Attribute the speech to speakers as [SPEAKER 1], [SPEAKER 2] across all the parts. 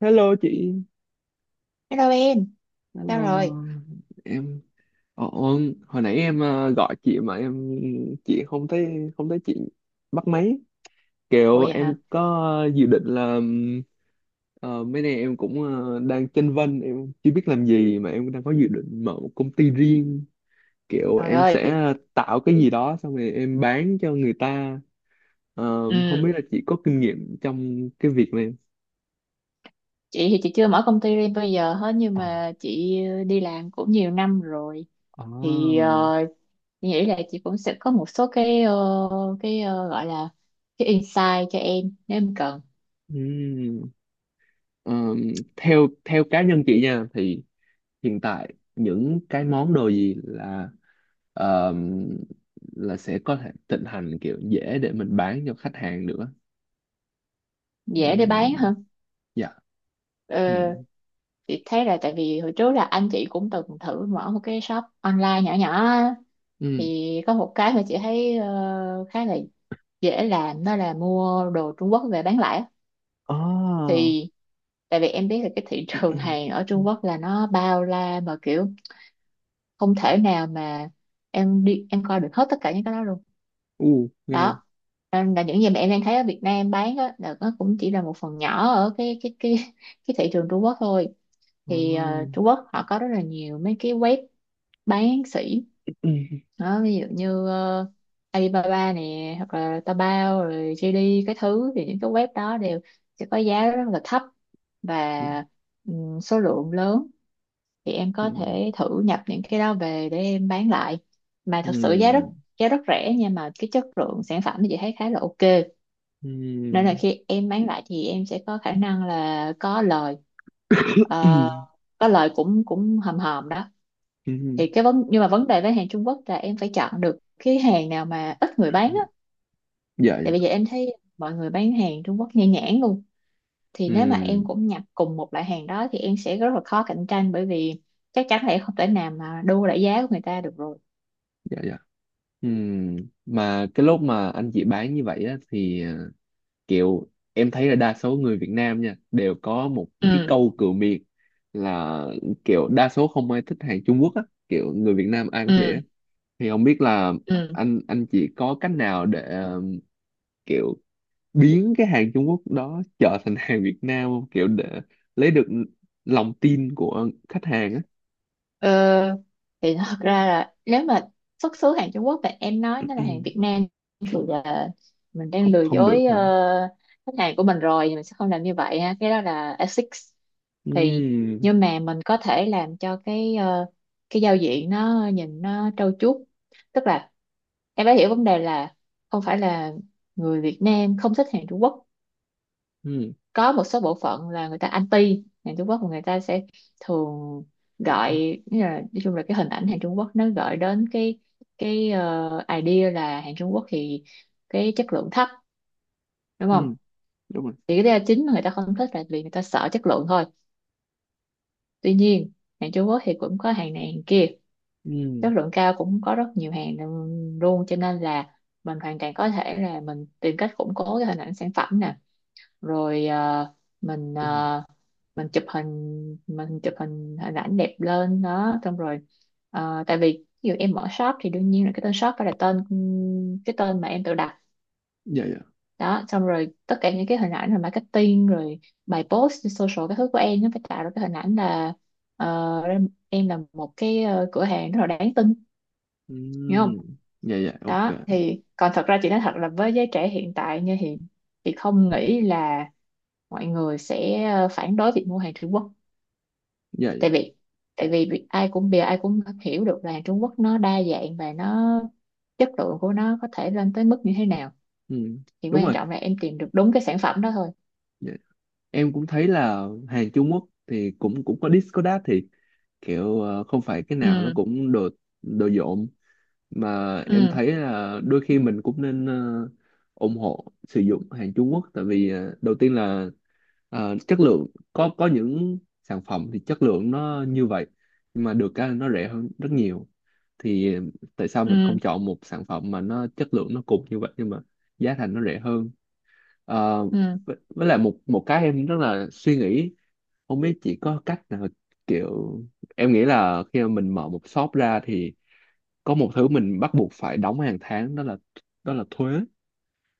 [SPEAKER 1] Hello chị,
[SPEAKER 2] Hello em,
[SPEAKER 1] hello
[SPEAKER 2] sao rồi?
[SPEAKER 1] em. Ồ, hồi nãy em gọi chị mà em chị không thấy chị bắt máy.
[SPEAKER 2] Ồ
[SPEAKER 1] Kiểu
[SPEAKER 2] vậy
[SPEAKER 1] em
[SPEAKER 2] hả?
[SPEAKER 1] có dự định là mấy nay em cũng đang chênh vênh, em chưa biết làm gì mà em đang có dự định mở một công ty riêng. Kiểu
[SPEAKER 2] Trời
[SPEAKER 1] em
[SPEAKER 2] ơi,
[SPEAKER 1] sẽ tạo cái gì đó xong rồi em bán cho người ta. Ờ, không
[SPEAKER 2] ừ,
[SPEAKER 1] biết là chị có kinh nghiệm trong cái việc này.
[SPEAKER 2] chị thì chị chưa mở công ty riêng bây giờ hết, nhưng
[SPEAKER 1] Ờ.
[SPEAKER 2] mà chị đi làm cũng nhiều năm rồi
[SPEAKER 1] Ờ.
[SPEAKER 2] thì
[SPEAKER 1] Không?
[SPEAKER 2] chị nghĩ là chị cũng sẽ có một số cái gọi là cái insight cho em nếu em cần.
[SPEAKER 1] Ờ, theo theo cá nhân chị nha thì hiện tại những cái món đồ gì là ờ, là sẽ có thể thịnh hành kiểu dễ để mình bán cho khách hàng được á.
[SPEAKER 2] Dễ để bán
[SPEAKER 1] Ừm,
[SPEAKER 2] hả?
[SPEAKER 1] dạ.
[SPEAKER 2] Ờ,
[SPEAKER 1] Ừm,
[SPEAKER 2] chị thấy là tại vì hồi trước là anh chị cũng từng thử mở một cái shop online nhỏ nhỏ á.
[SPEAKER 1] ừm.
[SPEAKER 2] Thì có một cái mà chị thấy khá là dễ làm, đó là mua đồ Trung Quốc về bán lẻ á.
[SPEAKER 1] Ờ.
[SPEAKER 2] Thì tại vì em biết là cái thị trường hàng ở Trung Quốc là nó bao la, mà kiểu không thể nào mà em đi em coi được hết tất cả những cái đó luôn
[SPEAKER 1] U nghe.
[SPEAKER 2] đó, nên là những gì mà em đang thấy ở Việt Nam bán á là nó cũng chỉ là một phần nhỏ ở cái thị trường Trung Quốc thôi.
[SPEAKER 1] Ờ.
[SPEAKER 2] Thì Trung Quốc họ có rất là nhiều mấy cái web bán sỉ, đó ví dụ như Alibaba nè, hoặc là Taobao rồi JD cái thứ, thì những cái web đó đều sẽ có giá rất là thấp
[SPEAKER 1] Ừm,
[SPEAKER 2] và số lượng lớn, thì em có
[SPEAKER 1] ừm,
[SPEAKER 2] thể thử nhập những cái đó về để em bán lại, mà thật sự giá rất
[SPEAKER 1] ừm,
[SPEAKER 2] giá rất rẻ, nhưng mà cái chất lượng sản phẩm thì chị thấy khá là ok, nên là
[SPEAKER 1] ừm.
[SPEAKER 2] khi em bán lại thì em sẽ có khả năng là có lời. Ờ, có lời cũng cũng hòm hòm đó.
[SPEAKER 1] Ừm,
[SPEAKER 2] Thì cái vấn nhưng mà vấn đề với hàng Trung Quốc là em phải chọn được cái hàng nào mà ít người bán á,
[SPEAKER 1] dạ dạ.
[SPEAKER 2] tại bây giờ em thấy mọi người bán hàng Trung Quốc nhan nhản luôn, thì nếu mà em
[SPEAKER 1] Ừm,
[SPEAKER 2] cũng nhập cùng một loại hàng đó thì em sẽ rất là khó cạnh tranh, bởi vì chắc chắn là em không thể nào mà đua lại giá của người ta được rồi.
[SPEAKER 1] dạ dạ. Ừm, mà cái lúc mà anh chị bán như vậy á, thì kiểu em thấy là đa số người Việt Nam nha đều có một cái
[SPEAKER 2] Ừ,
[SPEAKER 1] câu cửa miệng là kiểu đa số không ai thích hàng Trung Quốc á, kiểu người Việt Nam ai cũng vậy
[SPEAKER 2] ừ,
[SPEAKER 1] á. Thì không biết là
[SPEAKER 2] ừ.
[SPEAKER 1] anh chị có cách nào để kiểu biến cái hàng Trung Quốc đó trở thành hàng Việt Nam không, kiểu để lấy được lòng tin của khách hàng á.
[SPEAKER 2] Ờ, thì thật ra là nếu mà xuất xứ hàng Trung Quốc thì em nói nó là hàng Việt Nam thì là mình đang
[SPEAKER 1] Không
[SPEAKER 2] lừa
[SPEAKER 1] không được
[SPEAKER 2] dối
[SPEAKER 1] hả.
[SPEAKER 2] khách hàng của mình rồi, thì mình sẽ không làm như vậy ha, cái đó là ethics. Thì
[SPEAKER 1] Ừm,
[SPEAKER 2] nhưng mà mình có thể làm cho cái giao diện nó nhìn nó trau chuốt, tức là em phải hiểu vấn đề là không phải là người Việt Nam không thích hàng Trung Quốc,
[SPEAKER 1] ừm,
[SPEAKER 2] có một số bộ phận là người ta anti hàng Trung Quốc, và người ta sẽ thường gọi, nghĩa là, nói chung là cái hình ảnh hàng Trung Quốc nó gợi đến cái idea là hàng Trung Quốc thì cái chất lượng thấp, đúng không?
[SPEAKER 1] ừm, đúng rồi.
[SPEAKER 2] Thì cái lý do chính mà người ta không thích là vì người ta sợ chất lượng thôi, tuy nhiên hàng Trung Quốc thì cũng có hàng này hàng kia, chất
[SPEAKER 1] Ừ.
[SPEAKER 2] lượng cao cũng có rất nhiều hàng luôn, cho nên là mình hoàn toàn có thể là mình tìm cách củng cố cái hình ảnh sản phẩm nè, rồi mình
[SPEAKER 1] Ừ.
[SPEAKER 2] ờ, mình chụp hình, hình ảnh đẹp lên đó, xong rồi tại vì ví dụ em mở shop thì đương nhiên là cái tên shop phải là cái tên mà em tự đặt.
[SPEAKER 1] Dạ dạ.
[SPEAKER 2] Đó, xong rồi tất cả những cái hình ảnh rồi marketing rồi bài post trên social cái thứ của em nó phải tạo ra cái hình ảnh là ờ, em là một cửa hàng rất là đáng tin, hiểu không?
[SPEAKER 1] Ừ. Dạ dạ
[SPEAKER 2] Đó
[SPEAKER 1] ok.
[SPEAKER 2] thì còn thật ra chị nói thật là với giới trẻ hiện tại như hiện, chị không nghĩ là mọi người sẽ phản đối việc mua hàng Trung Quốc,
[SPEAKER 1] Dạ dạ.
[SPEAKER 2] tại vì ai cũng hiểu được là Trung Quốc nó đa dạng, và nó chất lượng của nó có thể lên tới mức như thế nào,
[SPEAKER 1] Ừ.
[SPEAKER 2] thì
[SPEAKER 1] Đúng
[SPEAKER 2] quan
[SPEAKER 1] rồi.
[SPEAKER 2] trọng là em tìm được đúng cái sản phẩm đó thôi.
[SPEAKER 1] Dạ. Em cũng thấy là hàng Trung Quốc thì cũng cũng có Discord thì kiểu không phải cái nào nó
[SPEAKER 2] Ừ,
[SPEAKER 1] cũng đồ đồ dộm, mà em
[SPEAKER 2] ừ,
[SPEAKER 1] thấy là đôi khi mình cũng nên ủng hộ sử dụng hàng Trung Quốc tại vì đầu tiên là chất lượng, có những sản phẩm thì chất lượng nó như vậy nhưng mà được cái là nó rẻ hơn rất nhiều. Thì tại sao mình không
[SPEAKER 2] ừ,
[SPEAKER 1] chọn một sản phẩm mà nó chất lượng nó cùng như vậy nhưng mà giá thành nó rẻ hơn. Ờ,
[SPEAKER 2] ừ,
[SPEAKER 1] với lại một một cái em rất là suy nghĩ, không biết chỉ có cách nào, kiểu em nghĩ là khi mà mình mở một shop ra thì có một thứ mình bắt buộc phải đóng hàng tháng đó là thuế.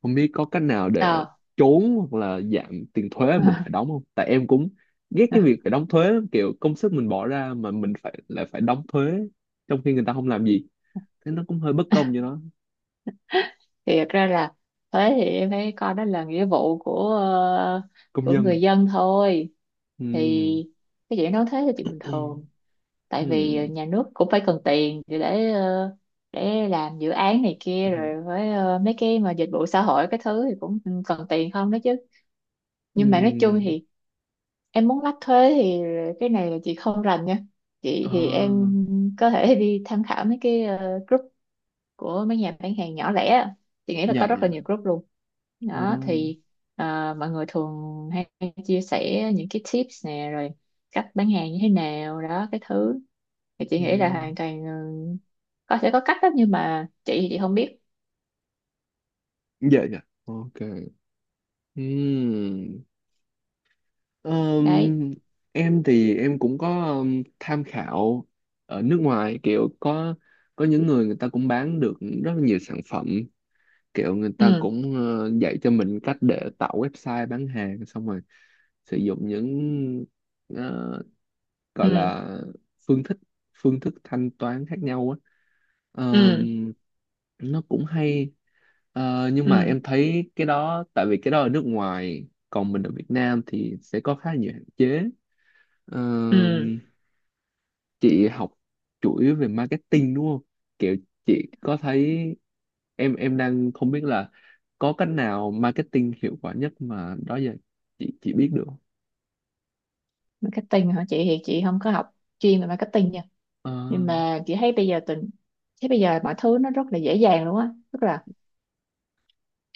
[SPEAKER 1] Không biết có cách nào để
[SPEAKER 2] ờ.
[SPEAKER 1] trốn hoặc là giảm tiền thuế mình phải đóng không, tại em cũng ghét cái việc phải đóng thuế lắm, kiểu công sức mình bỏ ra mà mình phải lại phải đóng thuế trong khi người ta không làm gì thế, nó cũng hơi bất công cho nó.
[SPEAKER 2] Thì thật ra là, thế thì em thấy coi đó là nghĩa vụ của
[SPEAKER 1] Công
[SPEAKER 2] của
[SPEAKER 1] dân.
[SPEAKER 2] người dân thôi,
[SPEAKER 1] Ừ.
[SPEAKER 2] thì cái chuyện nói thế là chuyện
[SPEAKER 1] Ừ.
[SPEAKER 2] bình thường, tại vì
[SPEAKER 1] Ừ.
[SPEAKER 2] nhà nước cũng phải cần tiền để để làm dự án này
[SPEAKER 1] Ừ.
[SPEAKER 2] kia rồi, với mấy cái mà dịch vụ xã hội cái thứ thì cũng ừ, cần tiền không đó chứ. Nhưng mà nói chung
[SPEAKER 1] Ừ.
[SPEAKER 2] thì em muốn lách thuế thì cái này là chị không rành nha, chị
[SPEAKER 1] À,
[SPEAKER 2] thì em có thể đi tham khảo mấy cái group của mấy nhà bán hàng nhỏ lẻ á. Chị nghĩ là có
[SPEAKER 1] dạ
[SPEAKER 2] rất là
[SPEAKER 1] dạ.
[SPEAKER 2] nhiều group luôn
[SPEAKER 1] Ờ.
[SPEAKER 2] đó. Thì mọi người thường hay chia sẻ những cái tips nè, rồi cách bán hàng như thế nào đó cái thứ, thì chị
[SPEAKER 1] Ừ.
[SPEAKER 2] nghĩ là hoàn toàn ừ, có, sẽ có cách đó, nhưng mà chị thì chị không biết.
[SPEAKER 1] Dạ dạ ok. Ừ.
[SPEAKER 2] Đấy.
[SPEAKER 1] Ờm, em thì em cũng có tham khảo ở nước ngoài kiểu có những người người ta cũng bán được rất là nhiều sản phẩm, kiểu người ta
[SPEAKER 2] Ừ,
[SPEAKER 1] cũng dạy cho mình cách để tạo website bán hàng xong rồi sử dụng những ờ, gọi
[SPEAKER 2] ừ,
[SPEAKER 1] là phương thức phương thức thanh toán khác nhau á.
[SPEAKER 2] ừ,
[SPEAKER 1] Ờm, nó cũng hay. Ờ, nhưng mà
[SPEAKER 2] ừ,
[SPEAKER 1] em thấy cái đó tại vì cái đó ở nước ngoài còn mình ở Việt Nam thì sẽ có khá nhiều hạn chế.
[SPEAKER 2] ừ.
[SPEAKER 1] Ờm, chị học chủ yếu về marketing đúng không, kiểu chị có thấy em đang không biết là có cách nào marketing hiệu quả nhất mà đó giờ chị biết được không?
[SPEAKER 2] Marketing hả? Chị thì chị không có học chuyên về marketing nha,
[SPEAKER 1] Ờ,
[SPEAKER 2] nhưng mà chị thấy bây giờ mọi thứ nó rất là dễ dàng luôn á, tức là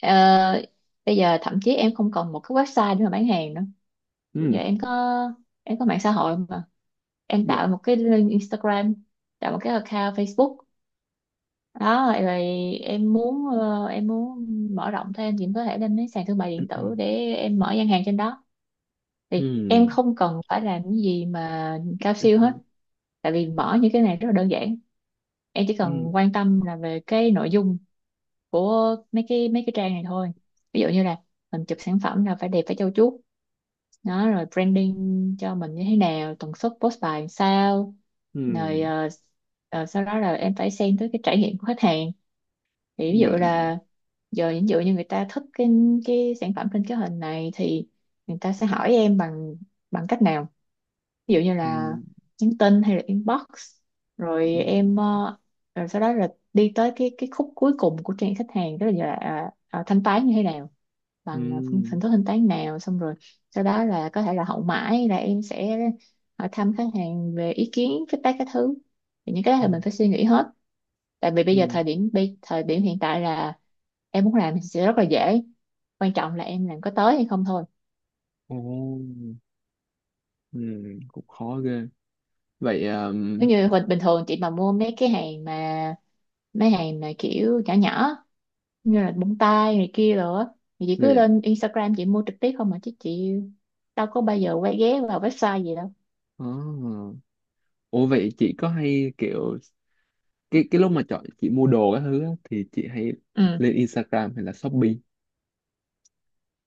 [SPEAKER 2] ờ, bây giờ thậm chí em không cần một cái website để mà bán hàng nữa. Giờ
[SPEAKER 1] ừ,
[SPEAKER 2] em có, em có mạng xã hội mà, em
[SPEAKER 1] dạ.
[SPEAKER 2] tạo một cái link Instagram, tạo một cái account Facebook, đó rồi em muốn mở rộng thêm thì em có thể lên mấy sàn thương mại
[SPEAKER 1] Ừ,
[SPEAKER 2] điện
[SPEAKER 1] ừ,
[SPEAKER 2] tử để em mở gian hàng trên đó, thì em
[SPEAKER 1] ừ,
[SPEAKER 2] không cần phải làm cái gì mà cao siêu hết,
[SPEAKER 1] ừ,
[SPEAKER 2] tại vì mở những cái này rất là đơn giản. Em chỉ
[SPEAKER 1] ừ.
[SPEAKER 2] cần quan tâm là về cái nội dung của mấy cái trang này thôi. Ví dụ như là mình chụp sản phẩm là phải đẹp phải trau chuốt, đó rồi branding cho mình như thế nào, tần suất post bài làm sao,
[SPEAKER 1] Ừ,
[SPEAKER 2] rồi sau đó là em phải xem tới cái trải nghiệm của khách hàng, thì ví dụ
[SPEAKER 1] dạ,
[SPEAKER 2] là giờ ví dụ như người ta thích cái sản phẩm trên cái hình này thì người ta sẽ hỏi em bằng, cách nào, ví dụ như
[SPEAKER 1] ừ,
[SPEAKER 2] là nhắn tin hay là inbox, rồi
[SPEAKER 1] ừ,
[SPEAKER 2] em rồi sau đó là đi tới cái khúc cuối cùng của trang khách hàng đó là, thanh toán như thế nào, bằng hình
[SPEAKER 1] ừ,
[SPEAKER 2] thức thanh toán nào, xong rồi sau đó là có thể là hậu mãi, là em sẽ hỏi thăm khách hàng về ý kiến feedback các thứ, thì những cái đó
[SPEAKER 1] ừ,
[SPEAKER 2] là mình phải suy nghĩ hết, tại vì bây giờ
[SPEAKER 1] ừ.
[SPEAKER 2] thời điểm hiện tại là em muốn làm thì sẽ rất là dễ, quan trọng là em làm có tới hay không thôi.
[SPEAKER 1] Ồ. Ừ. Cũng khó ghê. Vậy
[SPEAKER 2] Nếu như bình bình thường chị mà mua mấy cái hàng mà, kiểu nhỏ nhỏ như là bông tai này kia rồi á, thì chị
[SPEAKER 1] dạ
[SPEAKER 2] cứ
[SPEAKER 1] dạ.
[SPEAKER 2] lên Instagram chị mua trực tiếp không mà chứ, chị đâu có bao giờ quay ghé vào website gì đâu.
[SPEAKER 1] À. Ủa vậy chị có hay kiểu cái lúc mà chọn chị mua đồ các thứ á, thì chị hay
[SPEAKER 2] Ừ.
[SPEAKER 1] lên Instagram hay là Shopee?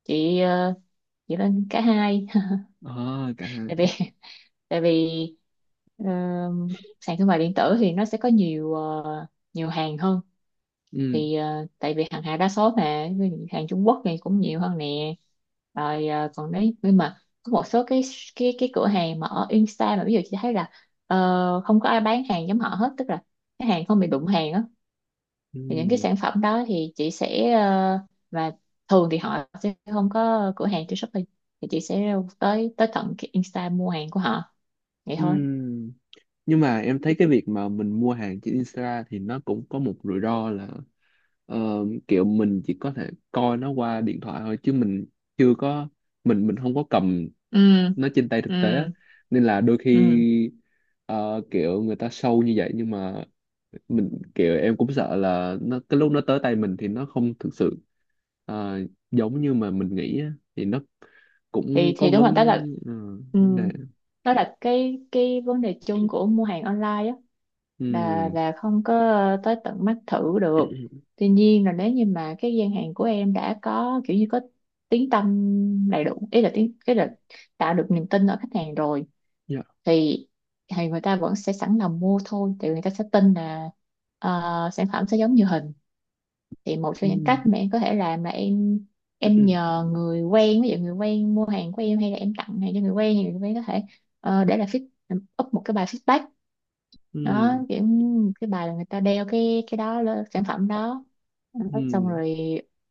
[SPEAKER 2] Chị dựa lên cả hai.
[SPEAKER 1] À cả
[SPEAKER 2] Tại
[SPEAKER 1] hai.
[SPEAKER 2] vì tại vì ờ, sàn thương mại điện tử thì nó sẽ có nhiều nhiều hàng hơn,
[SPEAKER 1] Ừ,
[SPEAKER 2] thì tại vì hàng Hà đa số mà ví dụ hàng Trung Quốc này cũng nhiều hơn nè, rồi còn đấy, nhưng mà có một số cái cửa hàng mà ở Insta, mà ví dụ chị thấy là không có ai bán hàng giống họ hết, tức là cái hàng không bị đụng hàng á,
[SPEAKER 1] ừ,
[SPEAKER 2] thì những cái sản phẩm đó thì chị sẽ và thường thì họ sẽ không có cửa hàng trên Shopee, thì chị sẽ tới tới tận cái Insta mua hàng của họ, vậy
[SPEAKER 1] ừ,
[SPEAKER 2] thôi.
[SPEAKER 1] nhưng mà em thấy cái việc mà mình mua hàng trên Insta thì nó cũng có một rủi ro là ờ, kiểu mình chỉ có thể coi nó qua điện thoại thôi chứ mình chưa có, mình không có cầm
[SPEAKER 2] Ừ,
[SPEAKER 1] nó trên tay
[SPEAKER 2] ừ,
[SPEAKER 1] thực tế á. Nên là đôi
[SPEAKER 2] ừ.
[SPEAKER 1] khi kiểu người ta show như vậy nhưng mà mình kiểu em cũng sợ là nó cái lúc nó tới tay mình thì nó không thực sự ờ, giống như mà mình nghĩ á. Thì nó
[SPEAKER 2] thì
[SPEAKER 1] cũng có
[SPEAKER 2] thì đúng rồi,
[SPEAKER 1] vấn,
[SPEAKER 2] đó là
[SPEAKER 1] ờ,
[SPEAKER 2] ừ,
[SPEAKER 1] vấn đề.
[SPEAKER 2] đó là cái vấn đề chung của mua hàng online á,
[SPEAKER 1] Ừ.
[SPEAKER 2] là không có tới tận mắt thử được. Tuy nhiên là nếu như mà cái gian hàng của em đã có kiểu như có tiếng tăm đầy đủ, ý là tiếng cái là tạo được niềm tin ở khách hàng rồi,
[SPEAKER 1] Dạ.
[SPEAKER 2] thì thì người ta vẫn sẽ sẵn lòng mua thôi, thì người ta sẽ tin là ờ, sản phẩm sẽ giống như hình. Thì một
[SPEAKER 1] Ừ.
[SPEAKER 2] trong những cách mà em có thể làm là em nhờ người quen, ví dụ người quen mua hàng của em hay là em tặng hàng cho người quen thì người quen có thể để là up một cái bài feedback,
[SPEAKER 1] Ừ.
[SPEAKER 2] đó kiểu cái bài là người ta đeo cái đó lên sản phẩm đó. Đó, xong
[SPEAKER 1] Ừ.
[SPEAKER 2] rồi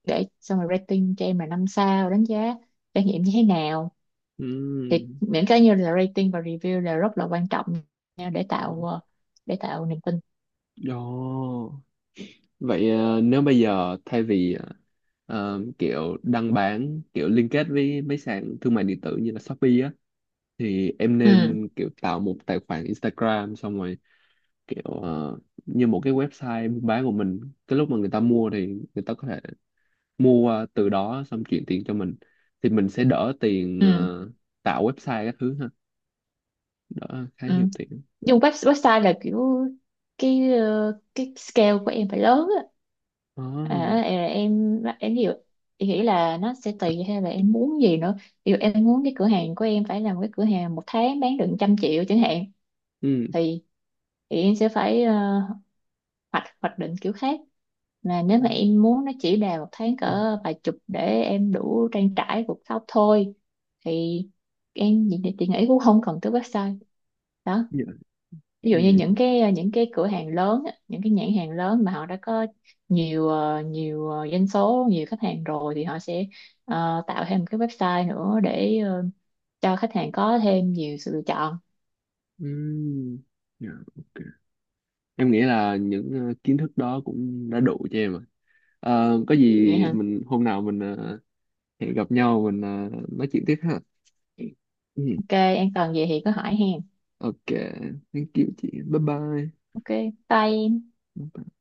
[SPEAKER 2] để, xong rồi rating cho em là 5 sao, đánh giá trải nghiệm như thế nào, thì
[SPEAKER 1] Ừ.
[SPEAKER 2] những cái như là rating và review là rất là quan trọng nha, để
[SPEAKER 1] Đó.
[SPEAKER 2] tạo để tạo niềm tin.
[SPEAKER 1] Đó. Vậy nếu bây giờ thay vì kiểu đăng bán kiểu liên kết với mấy sàn thương mại điện tử như là Shopee á, thì em
[SPEAKER 2] Ừ,
[SPEAKER 1] nên kiểu tạo một tài khoản Instagram xong rồi kiểu như một cái website buôn bán của mình, cái lúc mà người ta mua thì người ta có thể mua qua từ đó xong chuyển tiền cho mình, thì mình sẽ đỡ tiền
[SPEAKER 2] ừ,
[SPEAKER 1] tạo website các thứ ha, đỡ khá
[SPEAKER 2] ừ.
[SPEAKER 1] nhiều tiền.
[SPEAKER 2] Nhưng website là kiểu cái scale của em phải lớn á.
[SPEAKER 1] Đó.
[SPEAKER 2] Ví dụ em nghĩ là nó sẽ tùy hay là em muốn gì nữa, ví dụ em muốn cái cửa hàng của em phải làm cái cửa hàng một tháng bán được 100 triệu chẳng hạn,
[SPEAKER 1] Ừ.
[SPEAKER 2] thì thì em sẽ phải hoạch hoạch định kiểu khác. Là nếu
[SPEAKER 1] Ừ.
[SPEAKER 2] mà em muốn nó chỉ đà một tháng cỡ vài chục để em đủ trang trải cuộc sống thôi, thì chị nghĩ cũng không cần tới website đó.
[SPEAKER 1] Dạ.
[SPEAKER 2] Ví dụ
[SPEAKER 1] Ừ.
[SPEAKER 2] như những cái cửa hàng lớn á, những cái nhãn hàng lớn mà họ đã có nhiều doanh số, nhiều khách hàng rồi, thì họ sẽ tạo thêm một cái website nữa để cho khách hàng có thêm nhiều sự lựa chọn.
[SPEAKER 1] Ừm, dạ, ok. Em nghĩ là những kiến thức đó cũng đã đủ cho em rồi. Ờ, có
[SPEAKER 2] Vậy
[SPEAKER 1] gì
[SPEAKER 2] hả?
[SPEAKER 1] mình hôm nào mình hẹn gặp nhau mình nói chuyện tiếp ha. Ừm,
[SPEAKER 2] Ok, em cần gì thì cứ hỏi hàng.
[SPEAKER 1] ok, thank you chị. Bye bye.
[SPEAKER 2] Ok, bye em.
[SPEAKER 1] Bye bye.